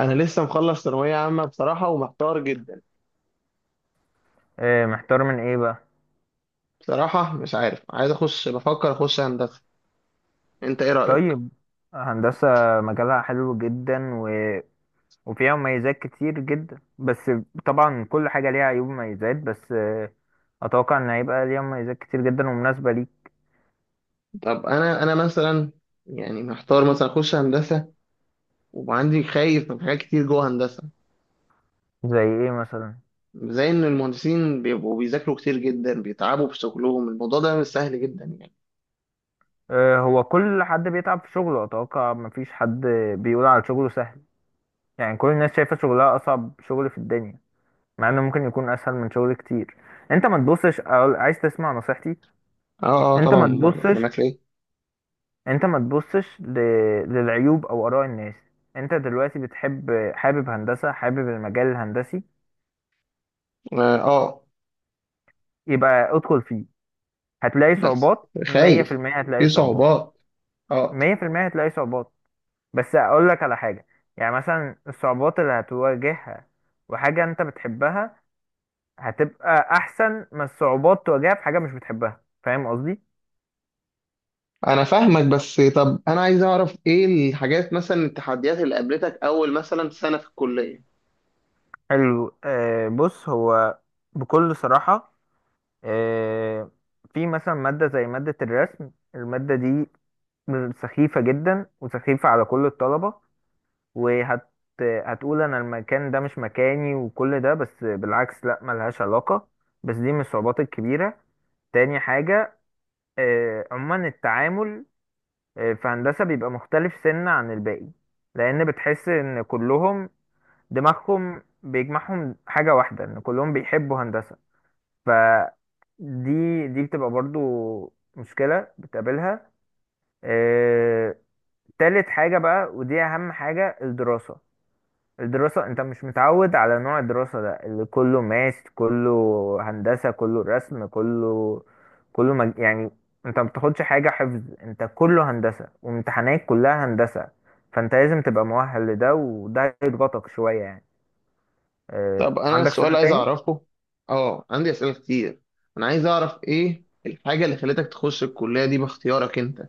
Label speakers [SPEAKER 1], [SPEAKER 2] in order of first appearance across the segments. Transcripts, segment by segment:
[SPEAKER 1] انا لسه مخلص ثانويه عامه بصراحه ومحتار جدا.
[SPEAKER 2] إيه محتار من ايه بقى؟
[SPEAKER 1] بصراحه مش عارف عايز اخش، بفكر اخش هندسه. انت ايه رايك؟
[SPEAKER 2] طيب، هندسة مجالها حلو جدا وفيها مميزات كتير جدا. بس طبعا كل حاجة ليها عيوب ومميزات، بس اتوقع ان هيبقى ليها مميزات كتير جدا ومناسبة ليك.
[SPEAKER 1] طب انا مثلا يعني محتار مثلا اخش هندسه، وعندي خايف من حاجات كتير جوه هندسه.
[SPEAKER 2] زي ايه مثلا؟
[SPEAKER 1] زي ان المهندسين بيبقوا بيذاكروا كتير جدا، بيتعبوا في شغلهم، الموضوع ده مش سهل جدا يعني.
[SPEAKER 2] هو كل حد بيتعب في شغله، اتوقع مفيش حد بيقول على شغله سهل. يعني كل الناس شايفة شغلها اصعب شغل في الدنيا، مع انه ممكن يكون اسهل من شغل كتير. انت ما تبصش، عايز تسمع نصيحتي؟
[SPEAKER 1] اه اه
[SPEAKER 2] انت
[SPEAKER 1] طبعا،
[SPEAKER 2] ما
[SPEAKER 1] امال انا
[SPEAKER 2] تبصش،
[SPEAKER 1] معاك ليه؟
[SPEAKER 2] يعني انت ما تبصش للعيوب او اراء الناس. انت دلوقتي بتحب، حابب هندسة، حابب المجال الهندسي،
[SPEAKER 1] اه
[SPEAKER 2] يبقى ادخل فيه. هتلاقي
[SPEAKER 1] بس
[SPEAKER 2] صعوبات، مية في
[SPEAKER 1] خايف
[SPEAKER 2] المية هتلاقي
[SPEAKER 1] في
[SPEAKER 2] صعوبات،
[SPEAKER 1] صعوبات، اه.
[SPEAKER 2] مية في المية هتلاقي صعوبات. بس اقول لك على حاجة، يعني مثلا الصعوبات اللي هتواجهها وحاجة انت بتحبها هتبقى احسن من الصعوبات تواجهها في حاجة مش بتحبها. فاهم قصدي؟
[SPEAKER 1] انا فاهمك، بس طب انا عايز اعرف ايه الحاجات مثلا، التحديات اللي قابلتك اول مثلا سنة في الكلية.
[SPEAKER 2] حلو. آه بص، هو بكل صراحة آه، في مثلا مادة زي مادة الرسم، المادة دي سخيفة جدا وسخيفة على كل الطلبة. وهت هتقول أنا المكان ده مش مكاني وكل ده، بس بالعكس لأ، ملهاش علاقة. بس دي من الصعوبات الكبيرة. تاني حاجة عموما التعامل في هندسة بيبقى مختلف سنة عن الباقي، لأن بتحس إن كلهم دماغهم بيجمعهم حاجة واحدة، إن كلهم بيحبوا هندسة. ف دي دي بتبقى برضو مشكلة بتقابلها. آه، تالت حاجة بقى، ودي أهم حاجة، الدراسة. الدراسة أنت مش متعود على نوع الدراسة ده، اللي كله ماس، كله هندسة، كله رسم، كله يعني أنت ما بتاخدش حاجة حفظ، أنت كله هندسة وامتحانات كلها هندسة. فأنت لازم تبقى مؤهل لده، وده يضغطك شوية يعني.
[SPEAKER 1] طب انا
[SPEAKER 2] عندك
[SPEAKER 1] السؤال
[SPEAKER 2] سؤال
[SPEAKER 1] عايز
[SPEAKER 2] تاني؟
[SPEAKER 1] اعرفه، اه عندي اسئلة كتير. انا عايز اعرف ايه الحاجة اللي خلتك تخش الكلية دي باختيارك انت.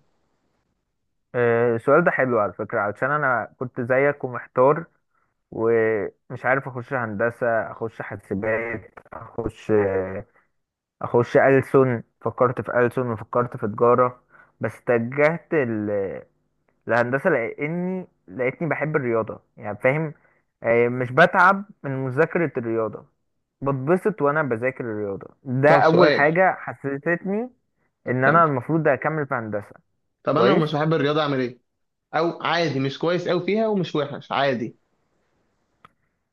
[SPEAKER 2] السؤال ده حلو على فكرة، علشان أنا كنت زيك ومحتار ومش عارف اخش هندسه، اخش حاسبات، اخش ألسن. فكرت في ألسن وفكرت في تجاره، بس اتجهت للهندسه، لاني لقيتني بحب الرياضه يعني، فاهم؟ مش بتعب من مذاكره الرياضه، بتبسط وانا بذاكر الرياضه. ده
[SPEAKER 1] طب
[SPEAKER 2] اول
[SPEAKER 1] سؤال.
[SPEAKER 2] حاجه حسستني
[SPEAKER 1] طب
[SPEAKER 2] ان
[SPEAKER 1] كمل.
[SPEAKER 2] انا المفروض اكمل في هندسه.
[SPEAKER 1] طب انا لو
[SPEAKER 2] كويس.
[SPEAKER 1] مش بحب الرياضة اعمل ايه؟ او عادي مش كويس اوي فيها ومش وحش عادي.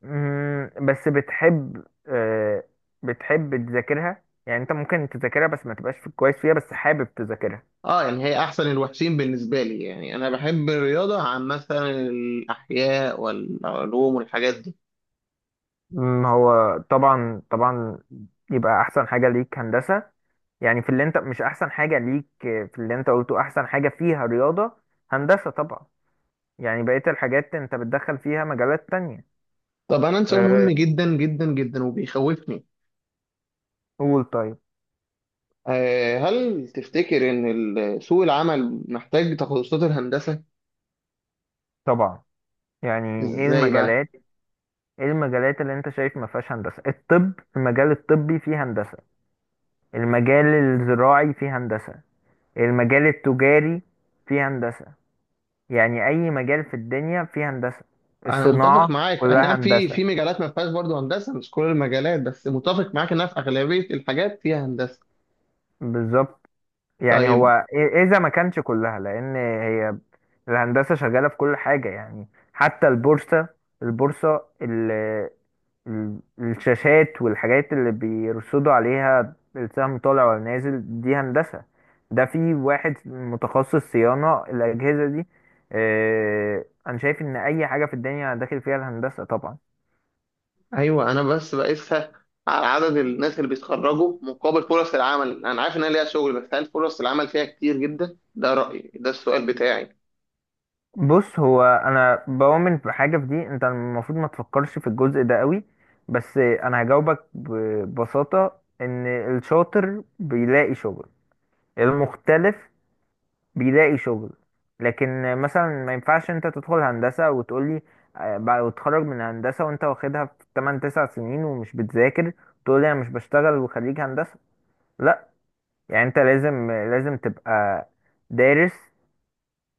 [SPEAKER 2] بس بتحب، بتحب تذاكرها يعني، انت ممكن تذاكرها بس ما تبقاش كويس فيها، بس حابب تذاكرها.
[SPEAKER 1] اه يعني هي احسن الوحشين بالنسبة لي، يعني انا بحب الرياضة عن مثلا الاحياء والعلوم والحاجات دي.
[SPEAKER 2] هو طبعا طبعا يبقى احسن حاجة ليك هندسة. يعني في اللي انت مش احسن حاجة ليك، في اللي انت قلته احسن حاجة فيها رياضة، هندسة طبعا. يعني بقية الحاجات انت بتدخل فيها مجالات تانية.
[SPEAKER 1] طب أنا عندي سؤال مهم
[SPEAKER 2] آه،
[SPEAKER 1] جدا جدا جدا وبيخوفني.
[SPEAKER 2] قول. طيب،
[SPEAKER 1] هل تفتكر إن سوق العمل محتاج تخصصات الهندسة؟
[SPEAKER 2] طبعا. يعني ايه
[SPEAKER 1] إزاي بقى؟
[SPEAKER 2] المجالات؟ ايه المجالات اللي انت شايف ما فيهاش هندسة؟ الطب، المجال الطبي فيه هندسة، المجال الزراعي فيه هندسة، المجال التجاري فيه هندسة. يعني أي مجال في الدنيا فيه هندسة،
[SPEAKER 1] أنا متفق
[SPEAKER 2] الصناعة
[SPEAKER 1] معاك، أي
[SPEAKER 2] كلها
[SPEAKER 1] نعم، في
[SPEAKER 2] هندسة.
[SPEAKER 1] في مجالات ما فيهاش برضه هندسة، مش كل المجالات، بس متفق معاك إنها في أغلبية الحاجات فيها هندسة.
[SPEAKER 2] بالظبط. يعني
[SPEAKER 1] طيب.
[SPEAKER 2] هو إذا ما كانش كلها، لأن هي الهندسة شغالة في كل حاجة يعني. حتى البورصة، البورصة، الشاشات والحاجات اللي بيرصدوا عليها السهم طالع ولا نازل، دي هندسة، ده في واحد متخصص صيانة الأجهزة دي. أنا شايف إن أي حاجة في الدنيا داخل فيها الهندسة طبعا.
[SPEAKER 1] أيوه أنا بس بقيسها على عدد الناس اللي بيتخرجوا مقابل فرص العمل، أنا عارف إنها ليها شغل، بس هل فرص العمل فيها كتير جدا؟ ده رأيي، ده السؤال بتاعي.
[SPEAKER 2] بص هو، أنا بؤمن بحاجة في دي، أنت المفروض ما تفكرش في الجزء ده قوي. بس أنا هجاوبك ببساطة، إن الشاطر بيلاقي شغل، المختلف بيلاقي شغل. لكن مثلا ما ينفعش انت تدخل هندسة وتقولي بعد وتخرج من هندسة وانت واخدها في 8 9 سنين ومش بتذاكر، تقولي انا مش بشتغل وخريج هندسة. لا، يعني انت لازم لازم تبقى دارس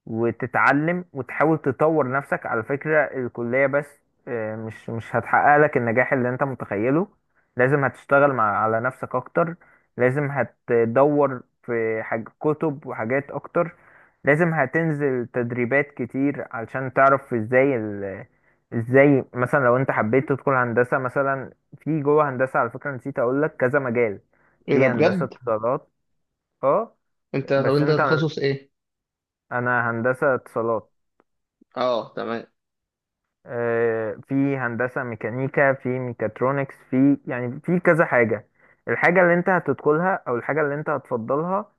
[SPEAKER 2] وتتعلم وتحاول تطور نفسك. على فكرة الكلية بس مش هتحقق لك النجاح اللي انت متخيله. لازم هتشتغل مع على نفسك اكتر، لازم هتدور في حاج كتب وحاجات اكتر، لازم هتنزل تدريبات كتير علشان تعرف ازاي مثلا لو انت حبيت تدخل هندسة مثلا. في جوه هندسة، على فكرة نسيت اقول لك، كذا مجال.
[SPEAKER 1] إيه ده
[SPEAKER 2] في هندسة
[SPEAKER 1] بجد؟
[SPEAKER 2] اتصالات. اه
[SPEAKER 1] أنت طب
[SPEAKER 2] بس
[SPEAKER 1] أنت
[SPEAKER 2] انت،
[SPEAKER 1] تخصص إيه؟
[SPEAKER 2] انا هندسة اتصالات.
[SPEAKER 1] اه تمام.
[SPEAKER 2] في هندسة ميكانيكا، في ميكاترونكس، في يعني في كذا حاجة. الحاجة اللي انت هتدخلها او الحاجة اللي انت هتفضلها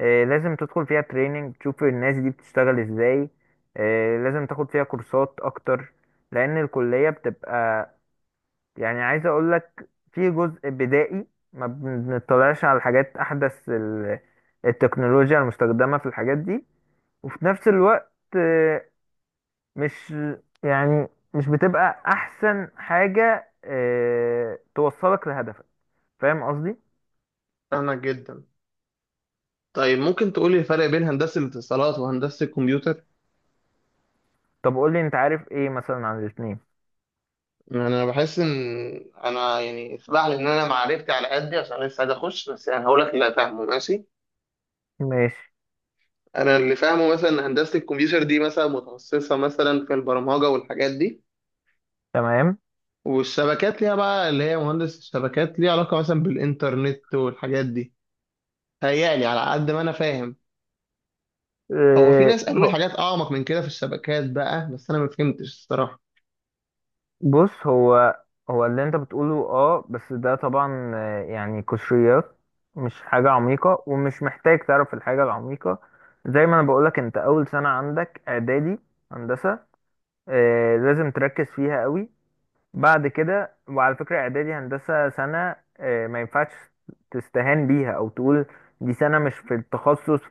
[SPEAKER 2] لازم تدخل فيها تريننج، تشوف الناس دي بتشتغل ازاي. لازم تاخد فيها كورسات اكتر، لان الكلية بتبقى يعني، عايز اقولك، في جزء بدائي ما بنطلعش على الحاجات احدث، التكنولوجيا المستخدمة في الحاجات دي. وفي نفس الوقت مش يعني، مش بتبقى احسن حاجة اه توصلك لهدفك. فاهم قصدي؟
[SPEAKER 1] فاهمك جدا. طيب ممكن تقولي الفرق بين هندسة الاتصالات وهندسة الكمبيوتر؟
[SPEAKER 2] طب قول لي انت عارف ايه مثلا عن الاتنين.
[SPEAKER 1] يعني أنا بحس إن أنا، يعني اسمح لي، إن أنا معرفتي على قدي عشان لسه عايز أخش، بس يعني هقول لك اللي فاهمه، ماشي؟
[SPEAKER 2] ماشي.
[SPEAKER 1] أنا اللي فاهمه مثلا إن هندسة الكمبيوتر دي مثلا متخصصة مثلا في البرمجة والحاجات دي.
[SPEAKER 2] تمام.
[SPEAKER 1] والشبكات ليها بقى، اللي هي مهندس الشبكات، ليها علاقة مثلا بالإنترنت والحاجات دي. تهيألي على قد ما أنا فاهم. هو في
[SPEAKER 2] اه
[SPEAKER 1] ناس قالوا لي
[SPEAKER 2] هو-
[SPEAKER 1] حاجات أعمق من كده في الشبكات بقى، بس أنا ما فهمتش الصراحة.
[SPEAKER 2] بص هو، هو اللي انت بتقوله اه، بس ده طبعا يعني قشريات، مش حاجة عميقة، ومش محتاج تعرف الحاجة العميقة. زي ما انا بقولك، انت اول سنة عندك اعدادي هندسة، اه لازم تركز فيها قوي. بعد كده، وعلى فكرة إعدادي هندسة سنة ما ينفعش تستهان بيها أو تقول دي سنة مش في التخصص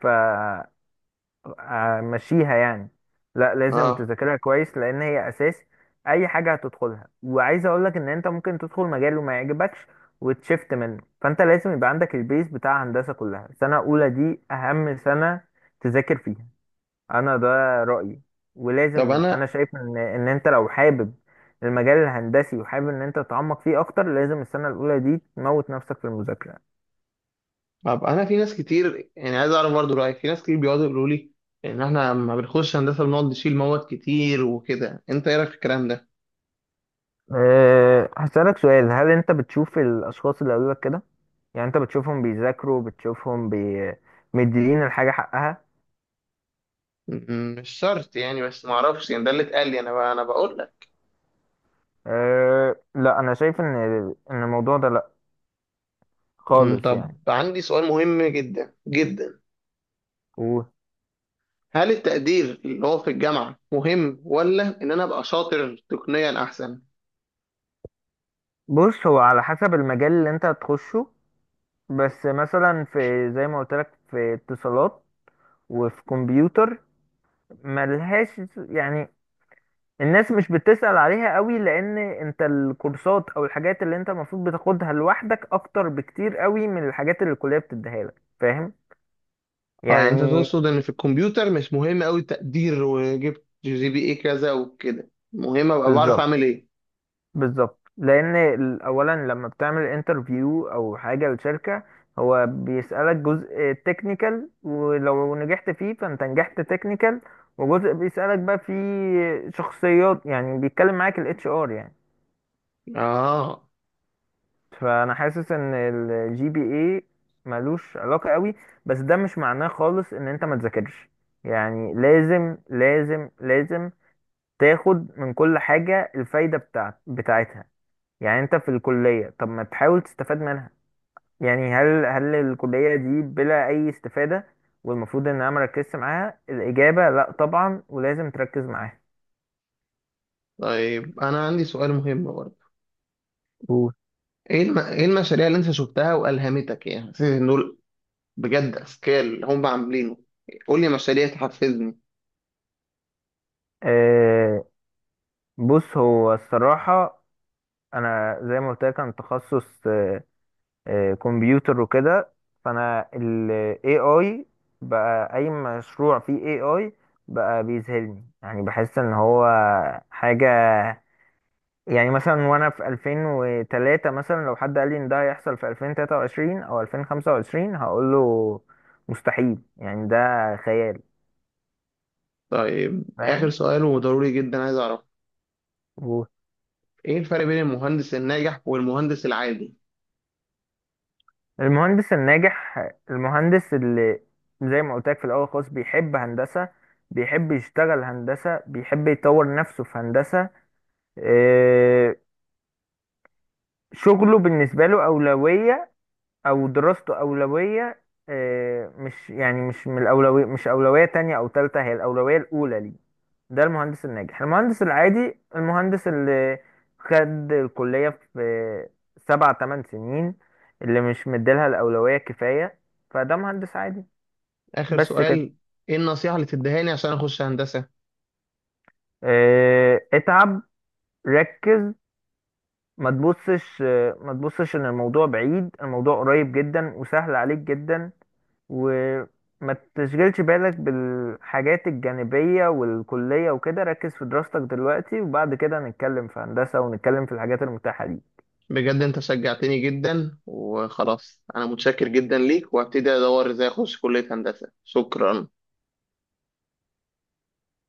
[SPEAKER 2] فمشيها يعني. لا، لازم
[SPEAKER 1] اه.
[SPEAKER 2] تذاكرها كويس، لأن هي أساس أي حاجة هتدخلها. وعايز أقولك إن أنت ممكن تدخل مجال وما يعجبكش وتشفت منه، فأنت لازم يبقى عندك البيز بتاع هندسة كلها. سنة أولى دي أهم سنة، تذاكر فيها. انا ده رأيي.
[SPEAKER 1] طب
[SPEAKER 2] ولازم، انا
[SPEAKER 1] أنا
[SPEAKER 2] شايف ان انت لو حابب المجال الهندسي وحابب ان انت تتعمق فيه اكتر، لازم السنة الاولى دي تموت نفسك في المذاكرة.
[SPEAKER 1] طب انا في ناس كتير، يعني عايز اعرف برضو رايك، في ناس كتير بيقعدوا يقولوا لي ان احنا لما بنخش هندسه بنقعد نشيل مواد كتير وكده، انت ايه رايك في الكلام ده؟
[SPEAKER 2] أه هسألك سؤال، هل انت بتشوف الاشخاص اللي قبلك كده، يعني انت بتشوفهم بيذاكروا، بتشوفهم مديين الحاجة حقها؟
[SPEAKER 1] مش شرط يعني، بس ما اعرفش، يعني ده اللي اتقال لي انا، بقى انا بقول لك.
[SPEAKER 2] أه لا، انا شايف ان الموضوع ده لا خالص
[SPEAKER 1] طب
[SPEAKER 2] يعني.
[SPEAKER 1] عندي سؤال مهم جدا جدا.
[SPEAKER 2] و-
[SPEAKER 1] هل التقدير اللي هو في الجامعه مهم، ولا ان انا ابقى شاطر تقنيا احسن؟
[SPEAKER 2] بص هو على حسب المجال اللي انت هتخشه. بس مثلا في، زي ما قلت لك في اتصالات وفي كمبيوتر، ملهاش يعني، الناس مش بتسأل عليها قوي، لان انت الكورسات او الحاجات اللي انت المفروض بتاخدها لوحدك اكتر بكتير قوي من الحاجات اللي الكلية بتديها لك. فاهم
[SPEAKER 1] اه يعني انت
[SPEAKER 2] يعني؟
[SPEAKER 1] تقصد ان في الكمبيوتر مش مهم قوي التقدير، وجبت GPA كذا وكده، مهم ابقى بعرف
[SPEAKER 2] بالظبط،
[SPEAKER 1] اعمل ايه؟
[SPEAKER 2] بالظبط. لان اولا لما بتعمل انترفيو او حاجة لشركة، هو بيسألك جزء تكنيكال، ولو نجحت فيه فانت نجحت تكنيكال. وجزء بيسألك بقى فيه شخصيات، يعني بيتكلم معاك الاتش ار يعني.
[SPEAKER 1] اه
[SPEAKER 2] فانا حاسس ان الجي بي اي ملوش علاقه قوي، بس ده مش معناه خالص ان انت ما تذاكرش. يعني لازم لازم لازم تاخد من كل حاجه الفايده بتاعتها. يعني انت في الكليه، طب ما تحاول تستفاد منها. يعني هل الكليه دي بلا اي استفاده، والمفروض ان انا مركزش معاها؟ الاجابه لا طبعا، ولازم تركز معاها.
[SPEAKER 1] طيب انا عندي سؤال مهم برضه.
[SPEAKER 2] قول.
[SPEAKER 1] ايه المشاريع اللي انت شفتها والهمتك، يعني حسيت ان دول بجد اذكياء اللي هم عاملينه. قول لي مشاريع تحفزني.
[SPEAKER 2] آه، بص هو الصراحة، أنا زي ما قلت لك أنا تخصص كمبيوتر وكده. فانا ال AI بقى، اي مشروع فيه AI بقى بيذهلني، يعني بحس ان هو حاجة يعني. مثلا وانا في 2003، مثلا لو حد قال لي ان ده هيحصل في 2023 او 2025، هقول له مستحيل يعني، ده خيال.
[SPEAKER 1] طيب اخر
[SPEAKER 2] فاهم.
[SPEAKER 1] سؤال وضروري جدا، عايز اعرف ايه الفرق بين المهندس الناجح والمهندس العادي.
[SPEAKER 2] والمهندس الناجح، المهندس اللي زي ما قلت لك في الاول خالص بيحب هندسة، بيحب يشتغل هندسة، بيحب يطور نفسه في هندسة. آه، شغله بالنسبة له أولوية، أو دراسته أولوية. مش يعني مش من الأولوية، مش أولوية تانية أو تالتة، هي الأولوية الأولى ليه. ده المهندس الناجح. المهندس العادي، المهندس اللي خد الكلية في 7 8 سنين، اللي مش مديلها الأولوية كفاية، فده مهندس عادي.
[SPEAKER 1] اخر
[SPEAKER 2] بس كده.
[SPEAKER 1] سؤال. ايه النصيحة اللي تديها لي عشان اخش هندسة؟
[SPEAKER 2] اتعب، ركز، ما تبصش ما تبصش ان الموضوع بعيد، الموضوع قريب جدا وسهل عليك جدا. وما تشغلش بالك بالحاجات الجانبية والكلية وكده، ركز في دراستك دلوقتي، وبعد كده نتكلم في هندسة ونتكلم في الحاجات المتاحة دي.
[SPEAKER 1] بجد انت شجعتني جدا وخلاص، انا متشكر جدا ليك، وهبتدي ادور ازاي اخش كلية هندسة. شكرا.